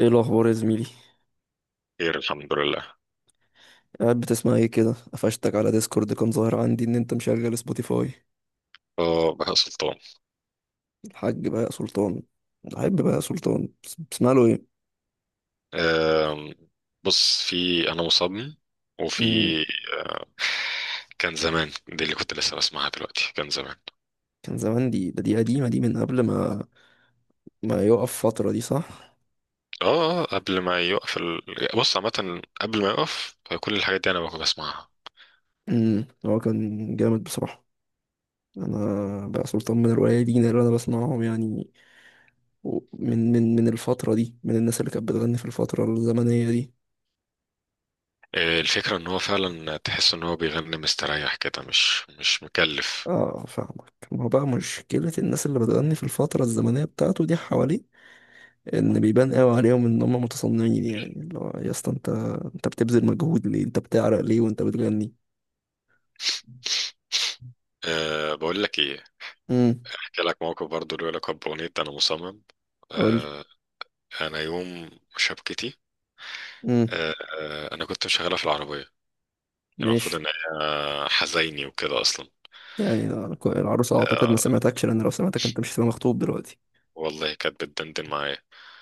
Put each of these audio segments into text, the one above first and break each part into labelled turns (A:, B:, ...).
A: ايه الاخبار يا زميلي؟
B: خير الحمد لله.
A: قاعد بتسمع ايه كده؟ قفشتك على ديسكورد، كان ظاهر عندي ان انت مشغل سبوتيفاي.
B: اه بهاء سلطان.
A: الحاج بقى سلطان. الحاج بقى سلطان، بتسمع له ايه؟
B: آم، بص، في انا مصمم،
A: امم
B: وفي آه، كان زمان. دي اللي كنت لسه بسمعها دلوقتي، كان زمان.
A: كان زمان دي، ده دي قديمه دي من قبل ما يقف فتره دي، صح؟
B: قبل ما يوقف بص، عامة قبل ما يوقف كل الحاجات دي انا بكون بسمعها.
A: هو كان جامد بصراحه. انا بقى سلطان من القليلين اللي انا بسمعهم يعني. من الفتره دي، من الناس اللي كانت بتغني في الفتره الزمنيه دي.
B: الفكرة ان هو فعلا تحس ان هو بيغني مستريح كده، مش مكلف.
A: اه، فاهمك. ما هو بقى مشكله الناس اللي بتغني في الفتره الزمنيه بتاعته دي حواليك، ان بيبان قوي عليهم ان هم متصنعين، يعني اللي هو يا اسطى، انت بتبذل مجهود ليه؟ انت بتعرق ليه وانت بتغني؟
B: أه، بقول لك ايه،
A: امم
B: احكي لك موقف برضو له علاقة بأغنية انا مصمم.
A: قول لي.
B: أه، انا يوم شبكتي،
A: امم
B: انا كنت مشغلها في العربيه يعني. المفروض
A: ماشي.
B: ان هي حزيني وكده اصلا.
A: يعني العروسه اعتقد ما
B: آه،
A: سمعتكش، لان لو سمعتك انت مش هتبقى مخطوب دلوقتي.
B: والله كانت بتدندن معايا.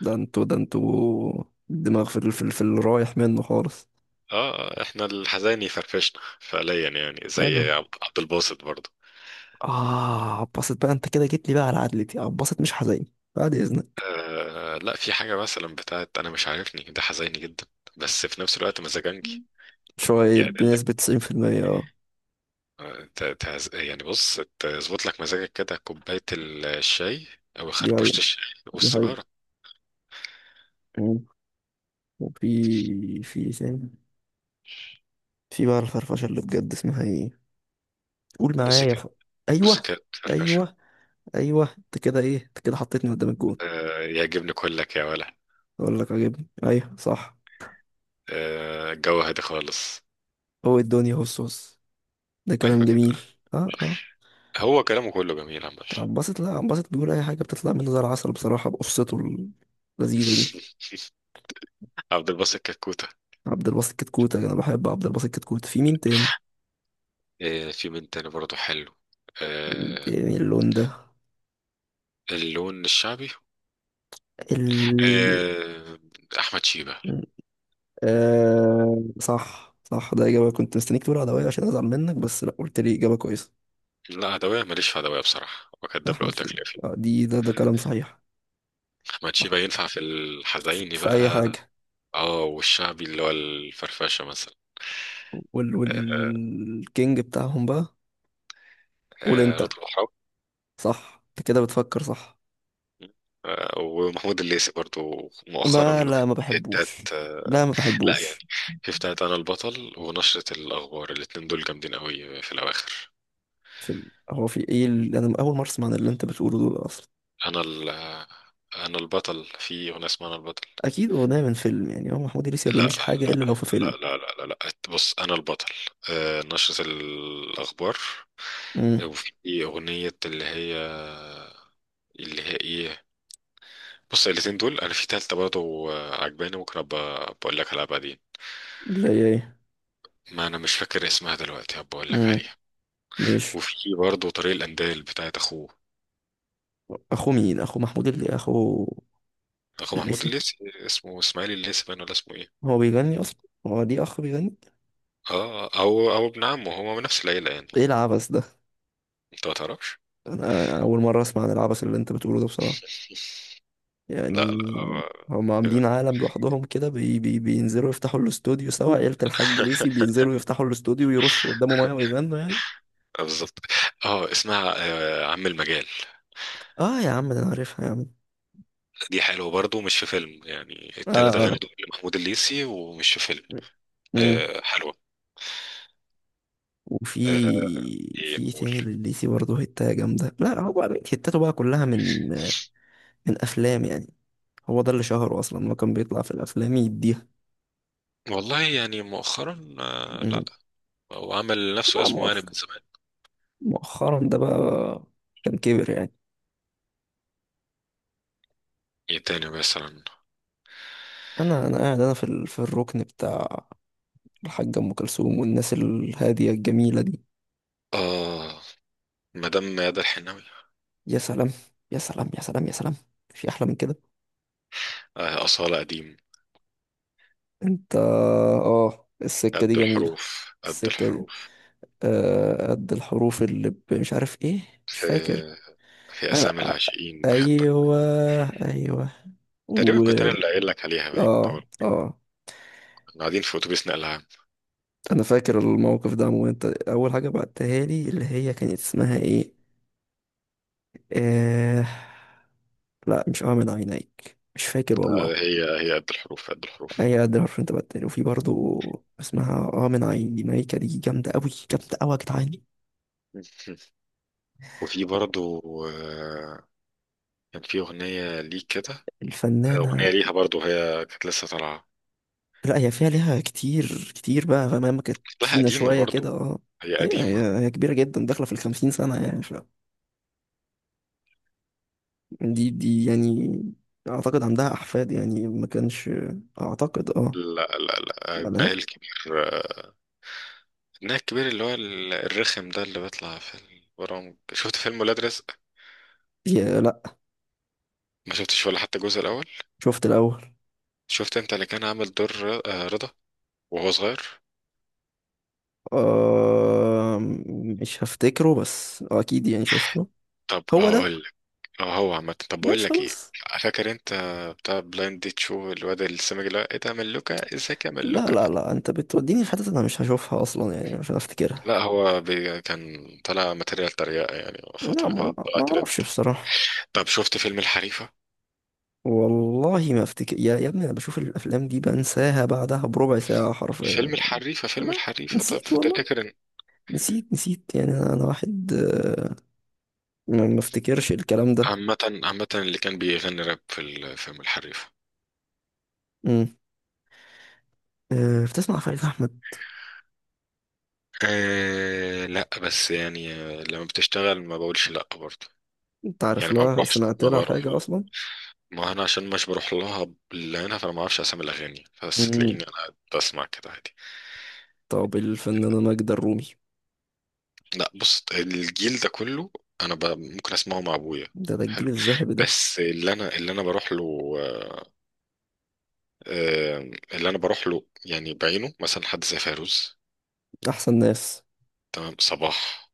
A: ده انتوا، ده انتوا، الدماغ في الرايح منه خالص.
B: احنا الحزيني فرفشنا فعليا، يعني
A: حلو.
B: زي عبد الباسط برضه.
A: اه، عباسط بقى، انت كده جيت لي بقى على عدلتي، عباسط مش حزين، بعد اذنك.
B: آه لا، في حاجه مثلا بتاعت انا مش عارفني، ده حزيني جدا، بس في نفس الوقت مزاجنجي،
A: شوية
B: يعدل لك.
A: بنسبة 90%، اه.
B: تهز... يعني بص، تظبط لك مزاجك كده، كوبايه الشاي او
A: دي
B: خربوشه
A: حقيقة.
B: الشاي
A: دي حقيقة.
B: والسيجاره.
A: مم. وفي في إيه تاني؟ في بقى الفرفشه اللي بجد، اسمها ايه؟ قول معايا
B: بوسيكات،
A: ف... ايوه.
B: بوسيكات فرفشه.
A: ايوه. ايوه، انت كده حطيتني قدام الجون.
B: آه، يعجبني كلك يا ولد.
A: اقول لك عجبني، ايوه، صح.
B: الجو هادي خالص.
A: هو الدنيا، هو الصوص، ده
B: ايوه
A: كلام
B: كده.
A: جميل. اه، اه.
B: هو كلامه كله جميل عامة.
A: عباسط، لا عباسط بيقول اي حاجه بتطلع منه زي العسل بصراحه، بقصته اللذيذه دي.
B: عبد الباسط كتكوتة.
A: عبد الباسط كتكوت، انا بحب عبد الباسط كتكوت. في مين تاني؟
B: في من تاني برضه حلو.
A: مين
B: آه،
A: تاني اللون ده؟
B: اللون الشعبي.
A: ال
B: آه، احمد شيبة.
A: آه، صح، صح، ده إجابة كنت مستنيك تقول عدوية عشان أزعل منك، بس لا، قلت لي إجابة كويسة.
B: لا، عدوية ماليش في عدوية بصراحة، وكداب لو
A: احمد
B: قلت لك
A: شيبة.
B: لا فيه.
A: آه، دي ده ده كلام صحيح.
B: احمد
A: أح-
B: شيبة ينفع في
A: ف-
B: الحزيني
A: في اي
B: بقى.
A: حاجه.
B: اه، والشعبي اللي هو الفرفشة مثلا.
A: وال
B: آه،
A: والكينج بتاعهم بقى. قول
B: رضا
A: انت.
B: البحراوي.
A: صح، انت كده بتفكر صح.
B: ومحمود الليثي برضه مؤخرا
A: ما
B: له
A: لا، ما
B: حتات.
A: بحبوش. لا، ما
B: لا يعني،
A: بحبوش.
B: في بتاعة أنا البطل ونشرة الأخبار، الاتنين دول جامدين قوي في الأواخر.
A: في ال... هو في ايه انا اول مره اسمع عن اللي انت بتقوله دول اصلا.
B: أنا ال أنا البطل، في أغنية اسمها أنا البطل.
A: اكيد اغنيه من فيلم يعني، هو محمود إدريس ما
B: لا
A: بيعملش حاجه
B: لا
A: الا لو في
B: لا
A: فيلم.
B: لا لا لا, لا. بص، أنا البطل، نشرة الأخبار،
A: امم
B: وفي أغنية اللي هي، اللي هي إيه بص الاتنين دول. أنا في تالتة برضه عجباني، ممكن أبقى بقول لك عليها بعدين،
A: لا، هي ايه؟
B: ما أنا مش فاكر اسمها دلوقتي، هبقى أقول لك
A: امم
B: عليها.
A: ماشي.
B: وفي برضه طريق الأندال بتاعت أخوه،
A: اخو مين؟ اخو محمود اللي اخو؟
B: اخو محمود
A: إدريسي؟
B: الليثي، اسمه اسماعيل الليثي باين ولا اسمه ايه.
A: هو بيغني اصلا؟ هو دي اخ بيغني؟
B: اه، او او ابن عمه، هما من نفس العيله يعني،
A: ايه العبث ده؟
B: انت ما تعرفش.
A: انا اول مره اسمع عن العبث اللي انت بتقوله ده بصراحه،
B: لا
A: يعني.
B: لا آه،
A: هم
B: كده،
A: عاملين عالم لوحدهم كده، بي بي بينزلوا يفتحوا الاستوديو سوا، عيله الحاج ليسي بينزلوا يفتحوا الاستوديو ويرشوا قدامه ميه ويغنوا يعني.
B: بالظبط. اه اسمها عم المجال.
A: اه يا عم، ده انا عارفها يا عم.
B: دي حلوه برضو، مش في فيلم. يعني
A: اه،
B: التلات اغاني
A: اه.
B: دول لمحمود الليثي ومش في فيلم.
A: امم
B: آه حلوه.
A: وفي
B: آه، ايه
A: في إيه
B: قول.
A: تاني لليسي برضه؟ هتاية جامده، لا هو بقى، هتاته بقى كلها من افلام يعني. هو ده اللي شهره اصلا، ما كان بيطلع في الافلام يديها.
B: والله يعني مؤخرا، آه لا،
A: امم
B: هو عمل لنفسه
A: لا،
B: اسمه يعني من زمان.
A: مؤخرا ده بقى، كان كبر يعني.
B: ايه تاني مثلا.
A: انا قاعد، انا في الركن بتاع الحاجة ام كلثوم والناس الهادية الجميلة دي.
B: اه، مدام ميادة الحناوي.
A: يا سلام. يا سلام، يا سلام، يا سلام. في احلى من كده؟
B: آه، أصالة قديم.
A: انت، السكة دي
B: قد
A: جميلة.
B: الحروف، قد
A: السكة دي.
B: الحروف.
A: آه، قد الحروف اللي مش عارف ايه. مش فاكر.
B: في، في
A: انا.
B: أسامي العاشقين بحبك.
A: ايوه. ايوه.
B: تقريبا
A: و
B: كنت أنا اللي قايل لك عليها باين، أو
A: اه، اه.
B: كنا قاعدين في أتوبيس نقل عام.
A: انا فاكر الموقف ده عموما، انت اول حاجة بعتها لي اللي هي كانت اسمها ايه؟ آه... لا، مش اعمل عينيك، مش فاكر
B: لا،
A: والله.
B: هي قد الحروف، قد الحروف.
A: هي قد الحرف. انت بدل وفي برضو، اسمها من عينيك، دي جامدة أوي، جامدة أوي، يا جدعان.
B: وفي برضو آه، كان في أغنية ليه كده، أغنية
A: الفنانة.
B: ليها برضو، هي كانت لسه طالعة.
A: لا، هي فيها، ليها كتير كتير بقى، فاهم؟ كانت
B: لها
A: تخينة
B: قديمة
A: شوية كده،
B: برضو،
A: اه.
B: هي
A: أيوة،
B: قديمة.
A: هي كبيرة جدا داخلة في الخمسين سنة يعني. دي يعني، أعتقد عندها أحفاد يعني، ما كانش، أعتقد، اه.
B: لا. ابنها
A: ملهاش.
B: الكبير، ابنها الكبير اللي هو الرخم ده، اللي بيطلع في البرامج. شفت فيلم ولاد رزق؟
A: هي لا.
B: ما شفتش ولا حتى الجزء الأول؟
A: شفت الأول.
B: شفت أنت اللي كان عامل دور رضا وهو صغير.
A: آه، مش هفتكره، بس آه أكيد يعني شفته.
B: طب
A: هو ده.
B: هقول، اه، هو عامة، طب بقول
A: ماشي
B: لك ايه،
A: خلاص.
B: فاكر انت بتاع بلايند ديت شو، الواد السمج ده، ايه ده، ملوكة، ازيك يا
A: لا،
B: ملوكة؟
A: لا، لا، انت بتوديني في حتت انا مش هشوفها اصلا يعني مش هفتكرها.
B: لا هو بي كان طلع ماتيريال تريقة يعني،
A: لا،
B: فترة كده
A: ما
B: طلع
A: ما
B: ترند.
A: اعرفش بصراحة.
B: طب شفت فيلم الحريفة؟
A: والله ما افتكر، يا ابني، انا بشوف الافلام دي بنساها بعدها بربع ساعة حرفيا
B: فيلم
A: يعني.
B: الحريفة، فيلم
A: لا.
B: الحريفة، طب
A: نسيت والله.
B: فتفتكر ان،
A: نسيت، نسيت يعني. انا واحد، ما افتكرش الكلام ده.
B: عامة عامة اللي كان بيغني راب في فيلم الحريفة.
A: امم آه، بتسمع فريد احمد؟
B: آه لا، بس يعني لما بتشتغل ما بقولش لا برضه،
A: انت عارف
B: يعني ما
A: لها؟
B: بروحش،
A: سمعت
B: ما
A: لها
B: بروح.
A: حاجة اصلا؟
B: ما انا عشان مش بروح لها باللي هنا، فانا ما اعرفش اسامي الاغاني، بس
A: امم
B: تلاقيني انا قاعد بسمع كده عادي.
A: طب الفنانة ماجدة الرومي؟
B: لا بص، الجيل ده كله انا ممكن اسمعه مع ابويا.
A: ده
B: حلو،
A: الجيل الذهبي ده.
B: بس اللي انا، اللي انا بروح له آه، اللي انا بروح له يعني بعينه، مثلا حد زي فيروز،
A: احسن ناس.
B: تمام، صباح،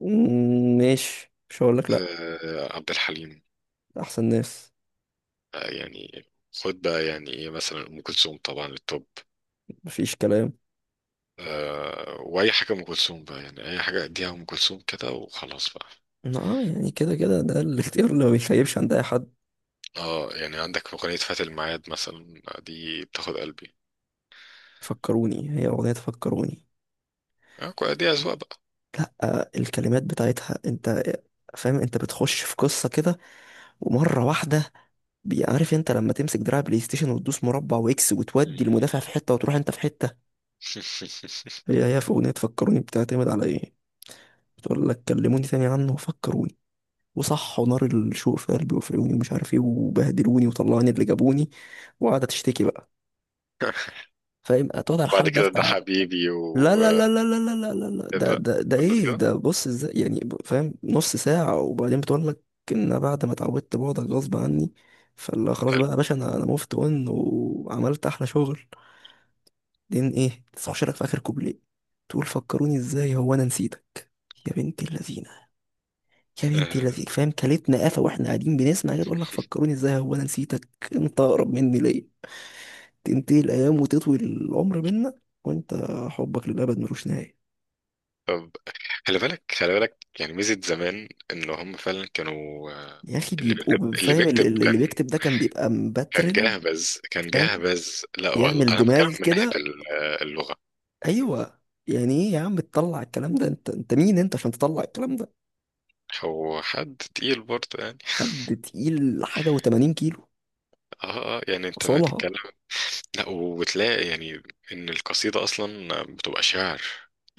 A: مم، ماشي، مش هقول لك لا.
B: عبد الحليم،
A: احسن ناس.
B: يعني خد بقى، يعني ايه مثلا، ام كلثوم طبعا التوب.
A: مفيش كلام.
B: واي حاجه ام كلثوم بقى، يعني اي حاجه اديها ام كلثوم كده وخلاص بقى.
A: اه يعني كده كده، ده الاختيار اللي ما بيخيبش عند اي حد.
B: اه، يعني عندك أغنية فات الميعاد مثلا، دي بتاخد قلبي.
A: فكروني، هي اغنية فكروني.
B: اه، دي أذواق بقى.
A: آه، الكلمات بتاعتها، انت فاهم؟ انت بتخش في قصة كده ومرة واحدة. عارف انت لما تمسك دراع بلاي ستيشن وتدوس مربع واكس، وتودي المدافع في حتة وتروح انت في حتة؟ هي في اغنية فكروني بتعتمد على ايه؟ بتقول لك: كلموني تاني عنه وفكروني، وصح، ونار الشوق في قلبي وفي عيوني ومش عارف ايه، وبهدلوني وطلعوني اللي جابوني، وقاعدة تشتكي بقى. فاهم؟ هتقعد على
B: بعد
A: الحال ده
B: كده ده
A: بتاع،
B: حبيبي
A: لا، لا، لا،
B: وكده،
A: لا، لا، لا، لا، لا، لا. ده
B: كله
A: ايه
B: كده.
A: ده؟ بص ازاي يعني، فاهم، نص ساعة وبعدين بتقول لك ان بعد ما اتعودت بعدك غصب عني. فلا، خلاص
B: حلو.
A: بقى يا باشا، انا موفت اون وعملت احلى شغل. بعدين ايه؟ تخش لك في اخر كوبليه تقول: فكروني ازاي، هو انا نسيتك؟ يا بنت اللذينة. يا بنت
B: آه،
A: اللذينة، فاهم؟ كلتنا قفا واحنا قاعدين بنسمع كده تقول لك: فكروني ازاي، هو انا نسيتك؟ انت اقرب مني ليه؟ تنتهي الايام وتطوي العمر بينا، وانت، حبك للابد ملوش نهاية.
B: طب، خلي بالك، خلي بالك، يعني ميزة زمان، ان هم فعلا كانوا
A: يا اخي،
B: اللي بيكتب،
A: بيبقوا
B: اللي
A: فاهم، ال-
B: بيكتب
A: ال- اللي
B: كان،
A: بيكتب ده كان بيبقى
B: كان
A: مبترل.
B: جاهز، كان
A: فاهم،
B: جاهز. لا والله،
A: بيعمل
B: انا بتكلم
A: دماغ
B: من ناحية
A: كده.
B: اللغة.
A: ايوه. يعني ايه يا عم تطلع الكلام ده؟ انت مين انت عشان تطلع الكلام ده؟
B: هو حد تقيل برضه يعني.
A: حد تقيل حاجه و80 كيلو،
B: يعني انت ما
A: وصلها، اه.
B: تتكلم. لا، وبتلاقي يعني ان القصيده اصلا بتبقى شعر.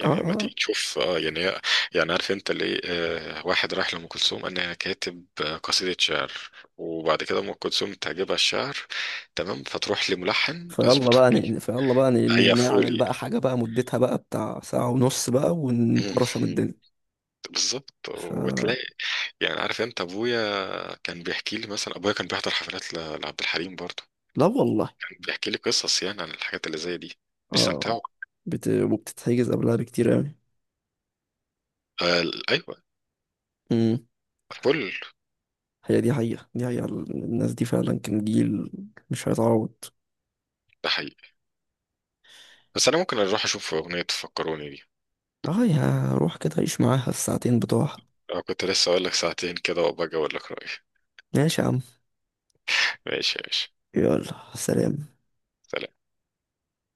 A: اه،
B: لما
A: آه.
B: تيجي تشوف، اه يعني يعني عارف انت ليه، آه، واحد راح لام كلثوم قال انا كاتب قصيده شعر. وبعد كده ام كلثوم تعجبها الشعر، تمام، فتروح لملحن
A: فيلا
B: اظبطه
A: بقى
B: لي،
A: ن- فيلا بقى ن- ن-
B: هيفوا
A: نعمل
B: لي.
A: بقى حاجه بقى مدتها بقى بتاع ساعه ونص بقى ونطرشم الدنيا.
B: بالظبط.
A: ف
B: وتلاقي يعني عارف انت ابويا، كان بيحكي لي مثلا، ابويا كان بيحضر حفلات لعبد الحليم برضه،
A: لا والله.
B: كان بيحكي لي قصص يعني عن الحاجات اللي زي دي،
A: اه،
B: بيستمتعوا.
A: وبتتحجز قبلها بكتير قوي.
B: آه ايوه، فل.
A: هي دي حقيقة، دي حقيقة، الناس دي فعلا كان جيل مش هيتعوض.
B: ده حقيقي. بس انا ممكن اروح اشوف اغنية فكروني دي.
A: اه، يا روح كده عيش معاها الساعتين بتوعها.
B: انا كنت لسه اقول لك ساعتين كده وابقى اقول لك رأيي.
A: ماشي يا عم.
B: ماشي يا باشا.
A: يلا، سلام.
B: سلام.